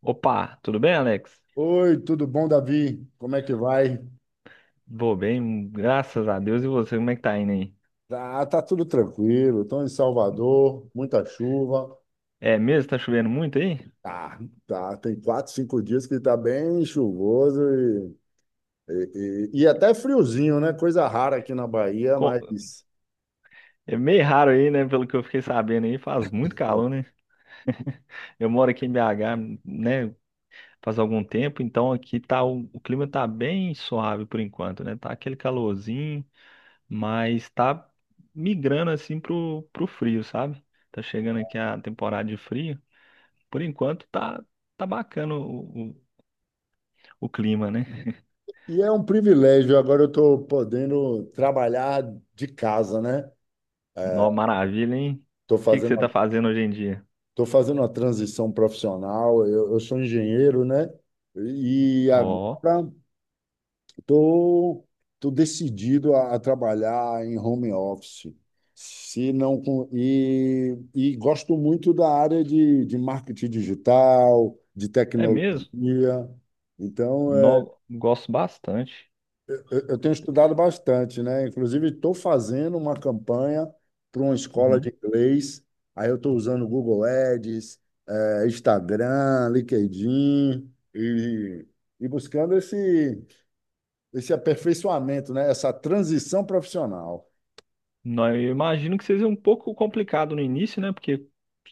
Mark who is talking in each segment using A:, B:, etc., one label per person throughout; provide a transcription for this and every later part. A: Opa, tudo bem, Alex?
B: Oi, tudo bom, Davi? Como é que vai?
A: Vou bem, graças a Deus. E você, como é que tá indo aí?
B: Tá, tudo tranquilo. Estou em Salvador, muita chuva.
A: É mesmo? Tá chovendo muito aí?
B: Tá, tá. Tem quatro, cinco dias que tá bem chuvoso e até friozinho, né? Coisa rara aqui na Bahia,
A: Co-
B: mas.
A: É meio raro aí, né? Pelo que eu fiquei sabendo aí, faz muito
B: é,
A: calor, né? Eu moro aqui em BH, né? Faz algum tempo, então aqui tá o clima tá bem suave por enquanto, né? Tá aquele calorzinho, mas tá migrando assim pro frio, sabe? Tá chegando aqui a temporada de frio. Por enquanto tá bacana o clima, né?
B: E é um privilégio. Agora eu estou podendo trabalhar de casa, né?
A: Nó, maravilha, hein?
B: Estou
A: O que que
B: fazendo,
A: você tá
B: estou
A: fazendo hoje em dia?
B: fazendo uma transição profissional. Eu sou engenheiro, né? E
A: Ó,
B: agora Estou tô, tô decidido a trabalhar em home office. Se não, e gosto muito da área de marketing digital, de
A: é
B: tecnologia.
A: mesmo?
B: Então,
A: Nó, gosto bastante.
B: eu tenho estudado bastante, né? Inclusive, estou fazendo uma campanha para uma escola de
A: Uhum.
B: inglês. Aí eu estou usando o Google Ads, Instagram, LinkedIn e buscando esse aperfeiçoamento, né? Essa transição profissional.
A: Nó, eu imagino que seja um pouco complicado no início, né? Porque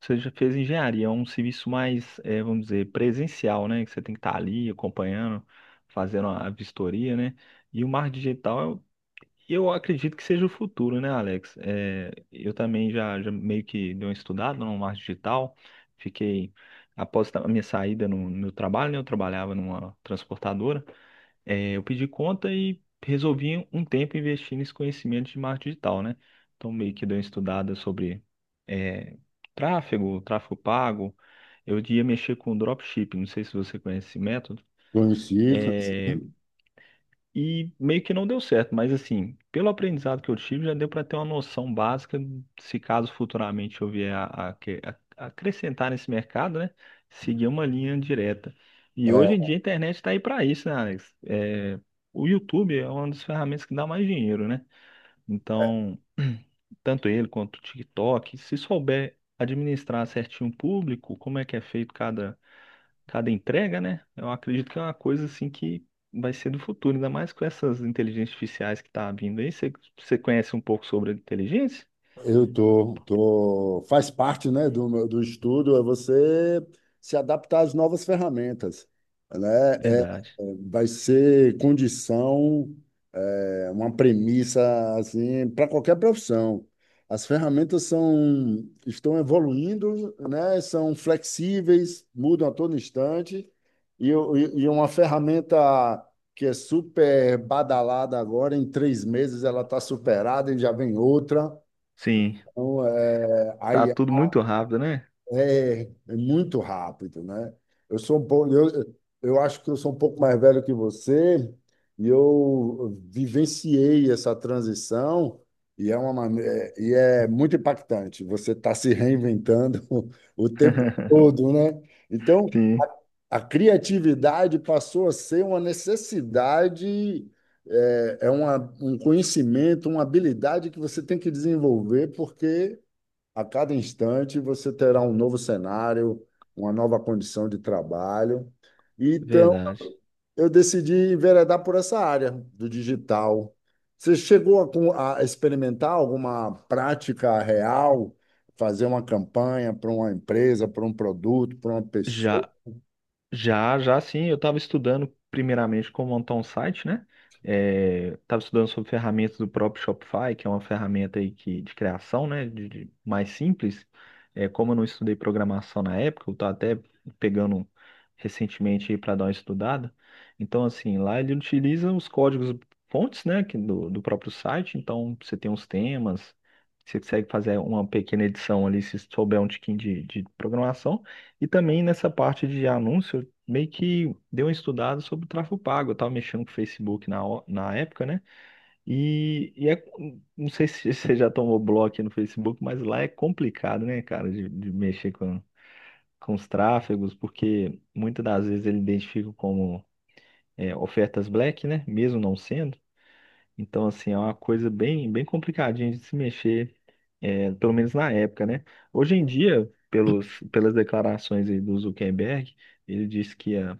A: você já fez engenharia, é um serviço mais, vamos dizer, presencial, né? Que você tem que estar ali acompanhando, fazendo a vistoria, né? E o marketing digital eu acredito que seja o futuro, né, Alex? É, eu também já meio que dei uma estudada no marketing digital. Fiquei, após a minha saída no meu trabalho, né, eu trabalhava numa transportadora. É, eu pedi conta e resolvi um tempo investir nesse conhecimento de marketing digital, né? Então, meio que dei uma estudada sobre é, tráfego pago. Eu ia mexer com dropshipping, não sei se você conhece esse método.
B: Conheci, conheci.
A: E meio que não deu certo, mas assim, pelo aprendizado que eu tive, já deu para ter uma noção básica, se caso futuramente eu vier a acrescentar nesse mercado, né? Seguir uma linha direta. E hoje em
B: É,
A: dia a internet está aí para isso, né, Alex? É, o YouTube é uma das ferramentas que dá mais dinheiro, né? Então, tanto ele quanto o TikTok, se souber administrar certinho o público, como é que é feito cada entrega, né? Eu acredito que é uma coisa assim que vai ser do futuro, ainda mais com essas inteligências artificiais que tá vindo aí. Você conhece um pouco sobre a inteligência?
B: Eu tô, faz parte, né, do estudo é você se adaptar às novas ferramentas, né?
A: Verdade.
B: Vai ser condição, uma premissa assim para qualquer profissão. Estão evoluindo, né? São flexíveis, mudam a todo instante e uma ferramenta que é super badalada agora, em três meses ela está superada e já vem outra.
A: Sim,
B: Então,
A: tá tudo muito rápido, né?
B: é, é muito rápido, né? Eu sou um pouco, eu, eu acho que eu sou um pouco mais velho que você e eu vivenciei essa transição, e é muito impactante. Você está se reinventando o tempo todo, né? Então,
A: Sim,
B: a criatividade passou a ser uma necessidade, um conhecimento, uma habilidade que você tem que desenvolver porque a cada instante você terá um novo cenário, uma nova condição de trabalho. Então,
A: verdade.
B: eu decidi enveredar por essa área do digital. Você chegou a experimentar alguma prática real, fazer uma campanha para uma empresa, para um produto, para uma pessoa?
A: Já já, sim, eu estava estudando primeiramente como montar um site, né? É, estava estudando sobre ferramentas do próprio Shopify, que é uma ferramenta aí que, de criação, né? Mais simples. É, como eu não estudei programação na época, eu estou até pegando recentemente aí para dar uma estudada. Então, assim, lá ele utiliza os códigos fontes, né? Que do próprio site. Então, você tem os temas, você consegue fazer uma pequena edição ali se souber um tiquinho de programação. E também nessa parte de anúncios meio que dei uma estudada sobre o tráfego pago. Eu tava mexendo com o Facebook na, na época, né? E, e é, não sei se você já tomou bloco no Facebook, mas lá é complicado, né, cara, de mexer com os tráfegos, porque muitas das vezes ele identifica como ofertas black, né? Mesmo não sendo. Então, assim, é uma coisa bem, bem complicadinha de se mexer, pelo menos na época, né? Hoje em dia, pelas declarações aí do Zuckerberg, ele disse que ia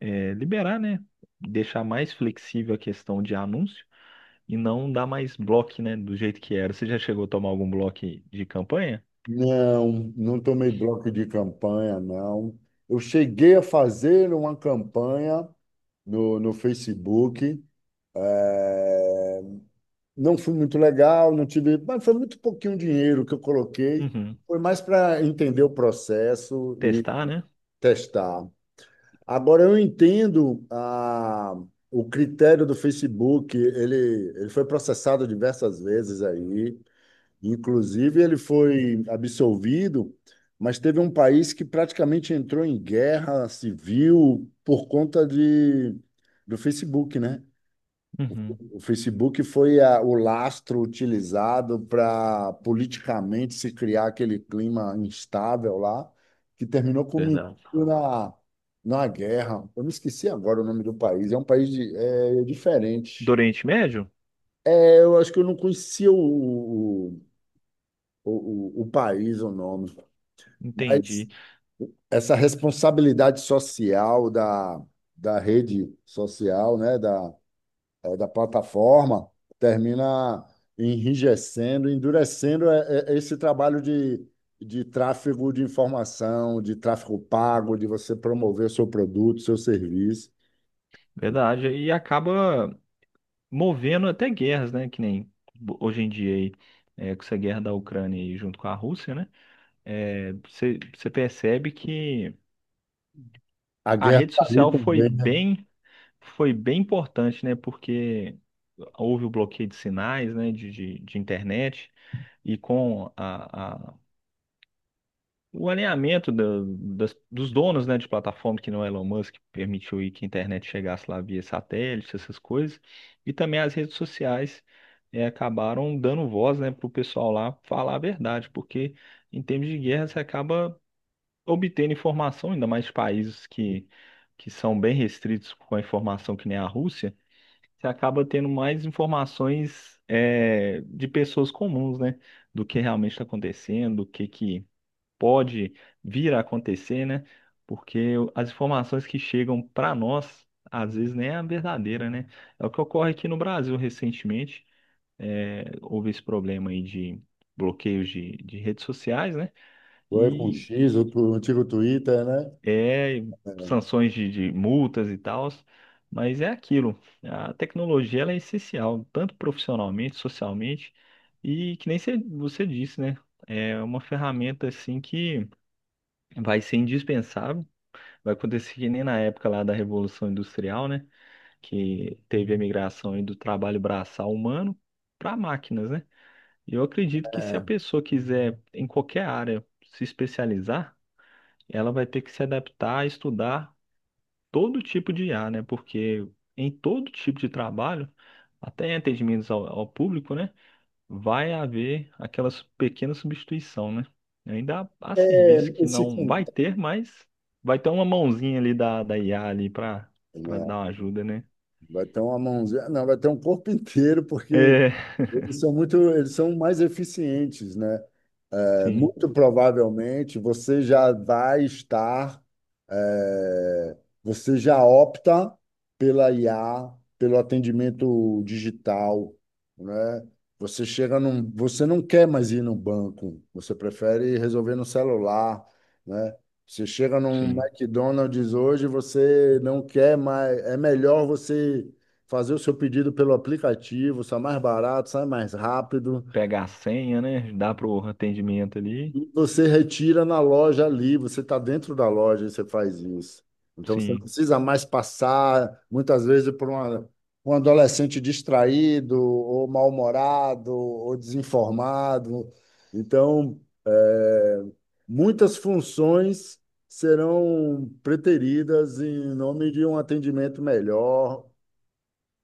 A: liberar, né? Deixar mais flexível a questão de anúncio e não dar mais bloco, né? Do jeito que era. Você já chegou a tomar algum bloco de campanha?
B: Não, não tomei bloco de campanha, não. Eu cheguei a fazer uma campanha no Facebook não fui muito legal, não tive, mas foi muito pouquinho dinheiro que eu coloquei.
A: Uhum.
B: Foi mais para entender o processo e
A: Testar, né?
B: testar. Agora eu entendo o critério do Facebook, ele foi processado diversas vezes aí, inclusive ele foi absolvido, mas teve um país que praticamente entrou em guerra civil por conta do Facebook, né?
A: Uhum.
B: O Facebook foi o lastro utilizado para politicamente se criar aquele clima instável lá, que terminou culminando
A: Verdade.
B: na, na guerra. Eu me esqueci agora o nome do país. É um país é
A: Do
B: diferente.
A: Oriente Médio?
B: É, eu acho que eu não conhecia o, o país, o nome, mas
A: Entendi.
B: essa responsabilidade social da rede social, né, da plataforma termina enrijecendo, endurecendo esse trabalho de tráfego de informação, de tráfego pago, de você promover seu produto, seu serviço.
A: Verdade. E acaba movendo até guerras, né? Que nem hoje em dia aí, é, com essa guerra da Ucrânia aí junto com a Rússia, né? É, você percebe que
B: A
A: a
B: guerra
A: rede
B: está ali
A: social foi
B: também, né?
A: bem. Foi bem importante, né? Porque houve o bloqueio de sinais, né? De internet e com o alinhamento dos donos, né? De plataforma que não é Elon Musk permitiu aí que a internet chegasse lá via satélite, essas coisas e também as redes sociais acabaram dando voz, né? Para o pessoal lá falar a verdade, porque em termos de guerra você acaba obtendo informação, ainda mais de países que são bem restritos com a informação que nem a Rússia você acaba tendo mais informações de pessoas comuns, né? Do que realmente está acontecendo, do que pode vir a acontecer, né? Porque as informações que chegam para nós, às vezes nem é a verdadeira, né? É o que ocorre aqui no Brasil recentemente. É, houve esse problema aí de bloqueios de redes sociais, né?
B: Foi com o X,
A: E,
B: o antigo Twitter, né?
A: e sanções de multas e tal, mas é aquilo. A tecnologia ela é essencial, tanto profissionalmente, socialmente, e que nem você disse, né? É uma ferramenta assim que vai ser indispensável. Vai acontecer que nem na época lá da Revolução Industrial, né? Que teve a migração aí do trabalho braçal humano para máquinas, né? E eu acredito que se a
B: É,
A: pessoa quiser, em qualquer área, se especializar, ela vai ter que se adaptar, estudar todo tipo de IA, né? Porque em todo tipo de trabalho, até em atendimentos ao público, né? Vai haver aquela pequena substituição, né? Ainda há serviço que
B: esse
A: não vai
B: cantar,
A: ter, mas vai ter uma mãozinha ali da IA ali para
B: né?
A: dar uma ajuda, né?
B: Vai ter uma mãozinha, não, vai ter um corpo inteiro, porque
A: É,
B: eles são mais eficientes, né? É,
A: sim,
B: muito provavelmente você já vai estar, é, você já opta pela IA, pelo atendimento digital, né? Você não quer mais ir no banco, você prefere resolver no celular, né? Você chega num
A: sim.
B: McDonald's hoje, você não quer mais, é melhor você fazer o seu pedido pelo aplicativo, sai mais barato, sai mais rápido,
A: Pegar a senha, né? Dá pro atendimento ali.
B: e você retira na loja ali, você está dentro da loja e você faz isso. Então você não
A: Sim,
B: precisa mais passar, muitas vezes, por um adolescente distraído, ou mal-humorado, ou desinformado. Então, é, muitas funções serão preteridas em nome de um atendimento melhor,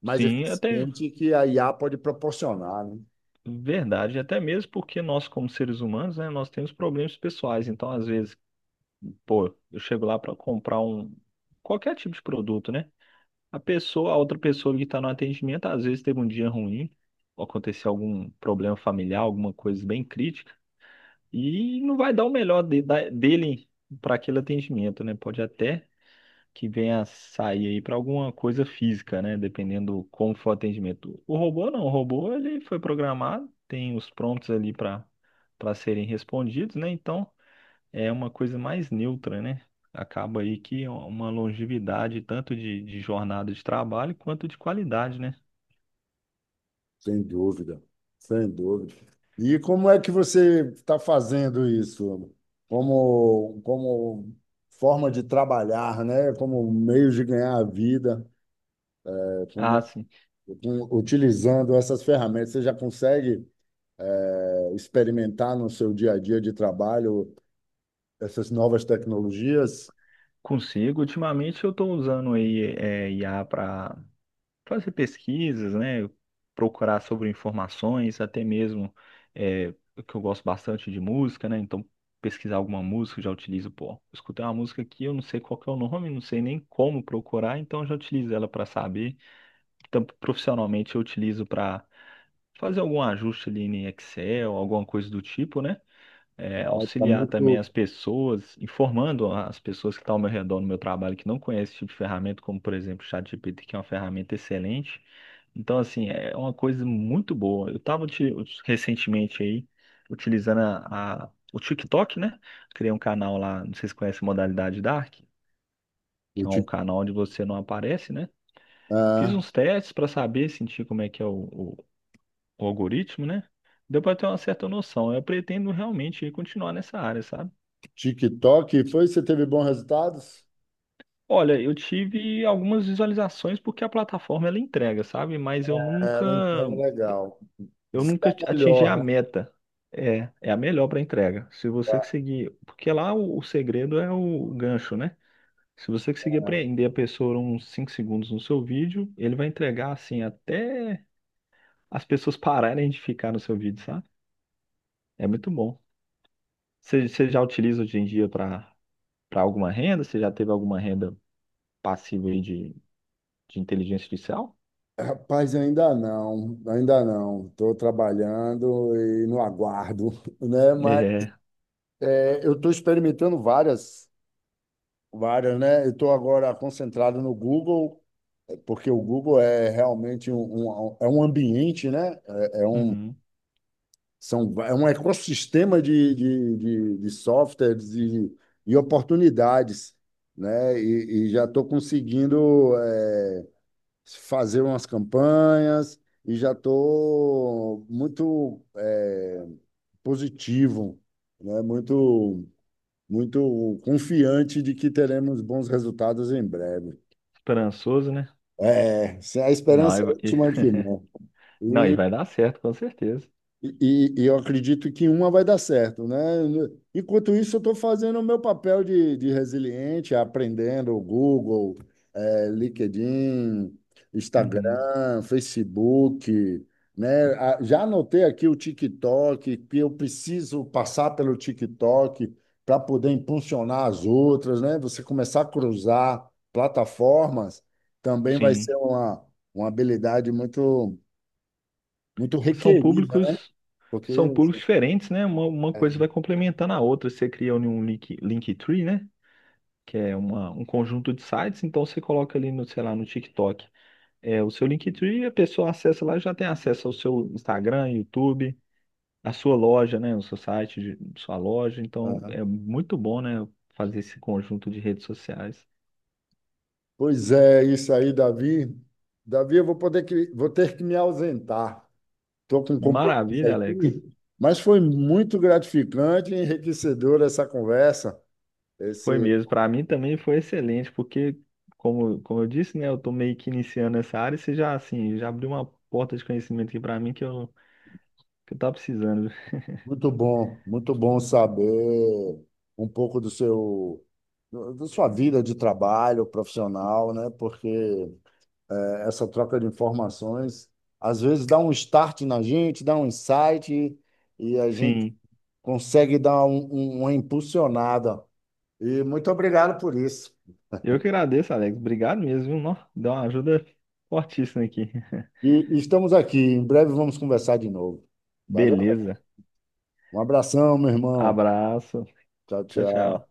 B: mais
A: sim, até
B: eficiente, que a IA pode proporcionar, né?
A: verdade, até mesmo porque nós, como seres humanos, né, nós temos problemas pessoais, então às vezes pô, eu chego lá para comprar um qualquer tipo de produto, né? A pessoa, a outra pessoa que está no atendimento, às vezes teve um dia ruim, ou aconteceu algum problema familiar, alguma coisa bem crítica, e não vai dar o melhor dele para aquele atendimento, né? Pode até que venha a sair aí para alguma coisa física, né? Dependendo como for o atendimento. O robô não, o robô ele foi programado, tem os prompts ali para serem respondidos, né? Então é uma coisa mais neutra, né? Acaba aí que é uma longevidade tanto de jornada de trabalho quanto de qualidade, né?
B: Sem dúvida, sem dúvida. E como é que você está fazendo isso? Como forma de trabalhar, né? Como meio de ganhar a vida, É, como é-
A: Ah, sim,
B: utilizando essas ferramentas, você já consegue experimentar no seu dia a dia de trabalho essas novas tecnologias?
A: consigo. Ultimamente eu estou usando aí IA para fazer pesquisas, né? Procurar sobre informações, até mesmo é, que eu gosto bastante de música, né? Então pesquisar alguma música, eu já utilizo, pô, escutei uma música aqui, eu não sei qual que é o nome, não sei nem como procurar, então eu já utilizo ela para saber. Então, profissionalmente eu utilizo para fazer algum ajuste ali em Excel, alguma coisa do tipo, né? É,
B: Está
A: auxiliar também
B: muito
A: as pessoas, informando as pessoas que estão ao meu redor no meu trabalho que não conhecem esse tipo de ferramenta, como por exemplo o ChatGPT, que é uma ferramenta excelente. Então, assim, é uma coisa muito boa. Eu estava recentemente aí utilizando o TikTok, né? Criei um canal lá, não sei se conhece a modalidade Dark,
B: o
A: que é um
B: Tik-
A: canal onde você não aparece, né? Fiz
B: ah,
A: uns testes para saber, sentir como é que é o algoritmo, né? Deu para ter uma certa noção. Eu pretendo realmente continuar nessa área, sabe?
B: TikTok, foi? Você teve bons resultados?
A: Olha, eu tive algumas visualizações porque a plataforma ela entrega, sabe? Mas
B: É, ela entrega legal.
A: eu
B: Diz que é
A: nunca
B: a
A: atingi
B: melhor,
A: a
B: né?
A: meta. É, é a melhor para entrega. Se você
B: É.
A: seguir, porque lá o segredo é o gancho, né? Se você conseguir prender a pessoa uns 5 segundos no seu vídeo, ele vai entregar assim até as pessoas pararem de ficar no seu vídeo, sabe? É muito bom. Você já utiliza hoje em dia para alguma renda? Você já teve alguma renda passiva aí de inteligência artificial?
B: Rapaz, ainda não, ainda não. Estou trabalhando e no aguardo, né? Mas
A: É,
B: é, eu estou experimentando várias, né? Eu estou agora concentrado no Google, é, porque o Google é realmente é um ambiente, né?
A: uhum.
B: É um ecossistema de softwares e oportunidades, né? E já estou conseguindo. É, fazer umas campanhas e já estou muito positivo, né? Muito, muito confiante de que teremos bons resultados em breve.
A: Esperançoso, né?
B: É, se a
A: Não,
B: esperança é última que não.
A: não, e
B: E
A: vai dar certo, com certeza.
B: Eu acredito que uma vai dar certo, né? Enquanto isso, eu estou fazendo o meu papel de resiliente, aprendendo o Google, LinkedIn,
A: Uhum.
B: Instagram, Facebook, né? Ah, já anotei aqui o TikTok, que eu preciso passar pelo TikTok para poder impulsionar as outras, né? Você começar a cruzar plataformas também vai ser
A: Sim.
B: uma habilidade muito, muito
A: São
B: requerida, né?
A: públicos,
B: Porque
A: são públicos diferentes, né? Uma coisa vai complementando a outra. Você cria um link, Linktree, né? Que é um conjunto de sites, então você coloca ali no, sei lá, no TikTok. É, o seu Linktree, a pessoa acessa lá e já tem acesso ao seu Instagram, YouTube. Na sua loja, né, no seu site, sua loja. Então
B: aham.
A: é muito bom, né, fazer esse conjunto de redes sociais.
B: Pois é, isso aí, Davi. Davi, eu vou ter que me ausentar. Estou com um compromisso
A: Maravilha, Alex.
B: aqui, mas foi muito gratificante e enriquecedora essa conversa. Esse,
A: Foi mesmo. Para mim também foi excelente, porque como eu disse, né, eu tô meio que iniciando essa área e você já assim, já abriu uma porta de conhecimento aqui para mim que eu tava precisando.
B: muito bom saber um pouco do da sua vida de trabalho profissional, né? Porque essa troca de informações às vezes dá um start na gente, dá um insight e a gente
A: Sim.
B: consegue dar uma impulsionada. E muito obrigado por isso.
A: Eu que agradeço, Alex. Obrigado mesmo, viu? Nó, deu uma ajuda fortíssima aqui.
B: E estamos aqui. Em breve vamos conversar de novo. Valeu?
A: Beleza.
B: Um abração, meu irmão.
A: Abraço.
B: Tchau,
A: Tchau,
B: tchau.
A: tchau.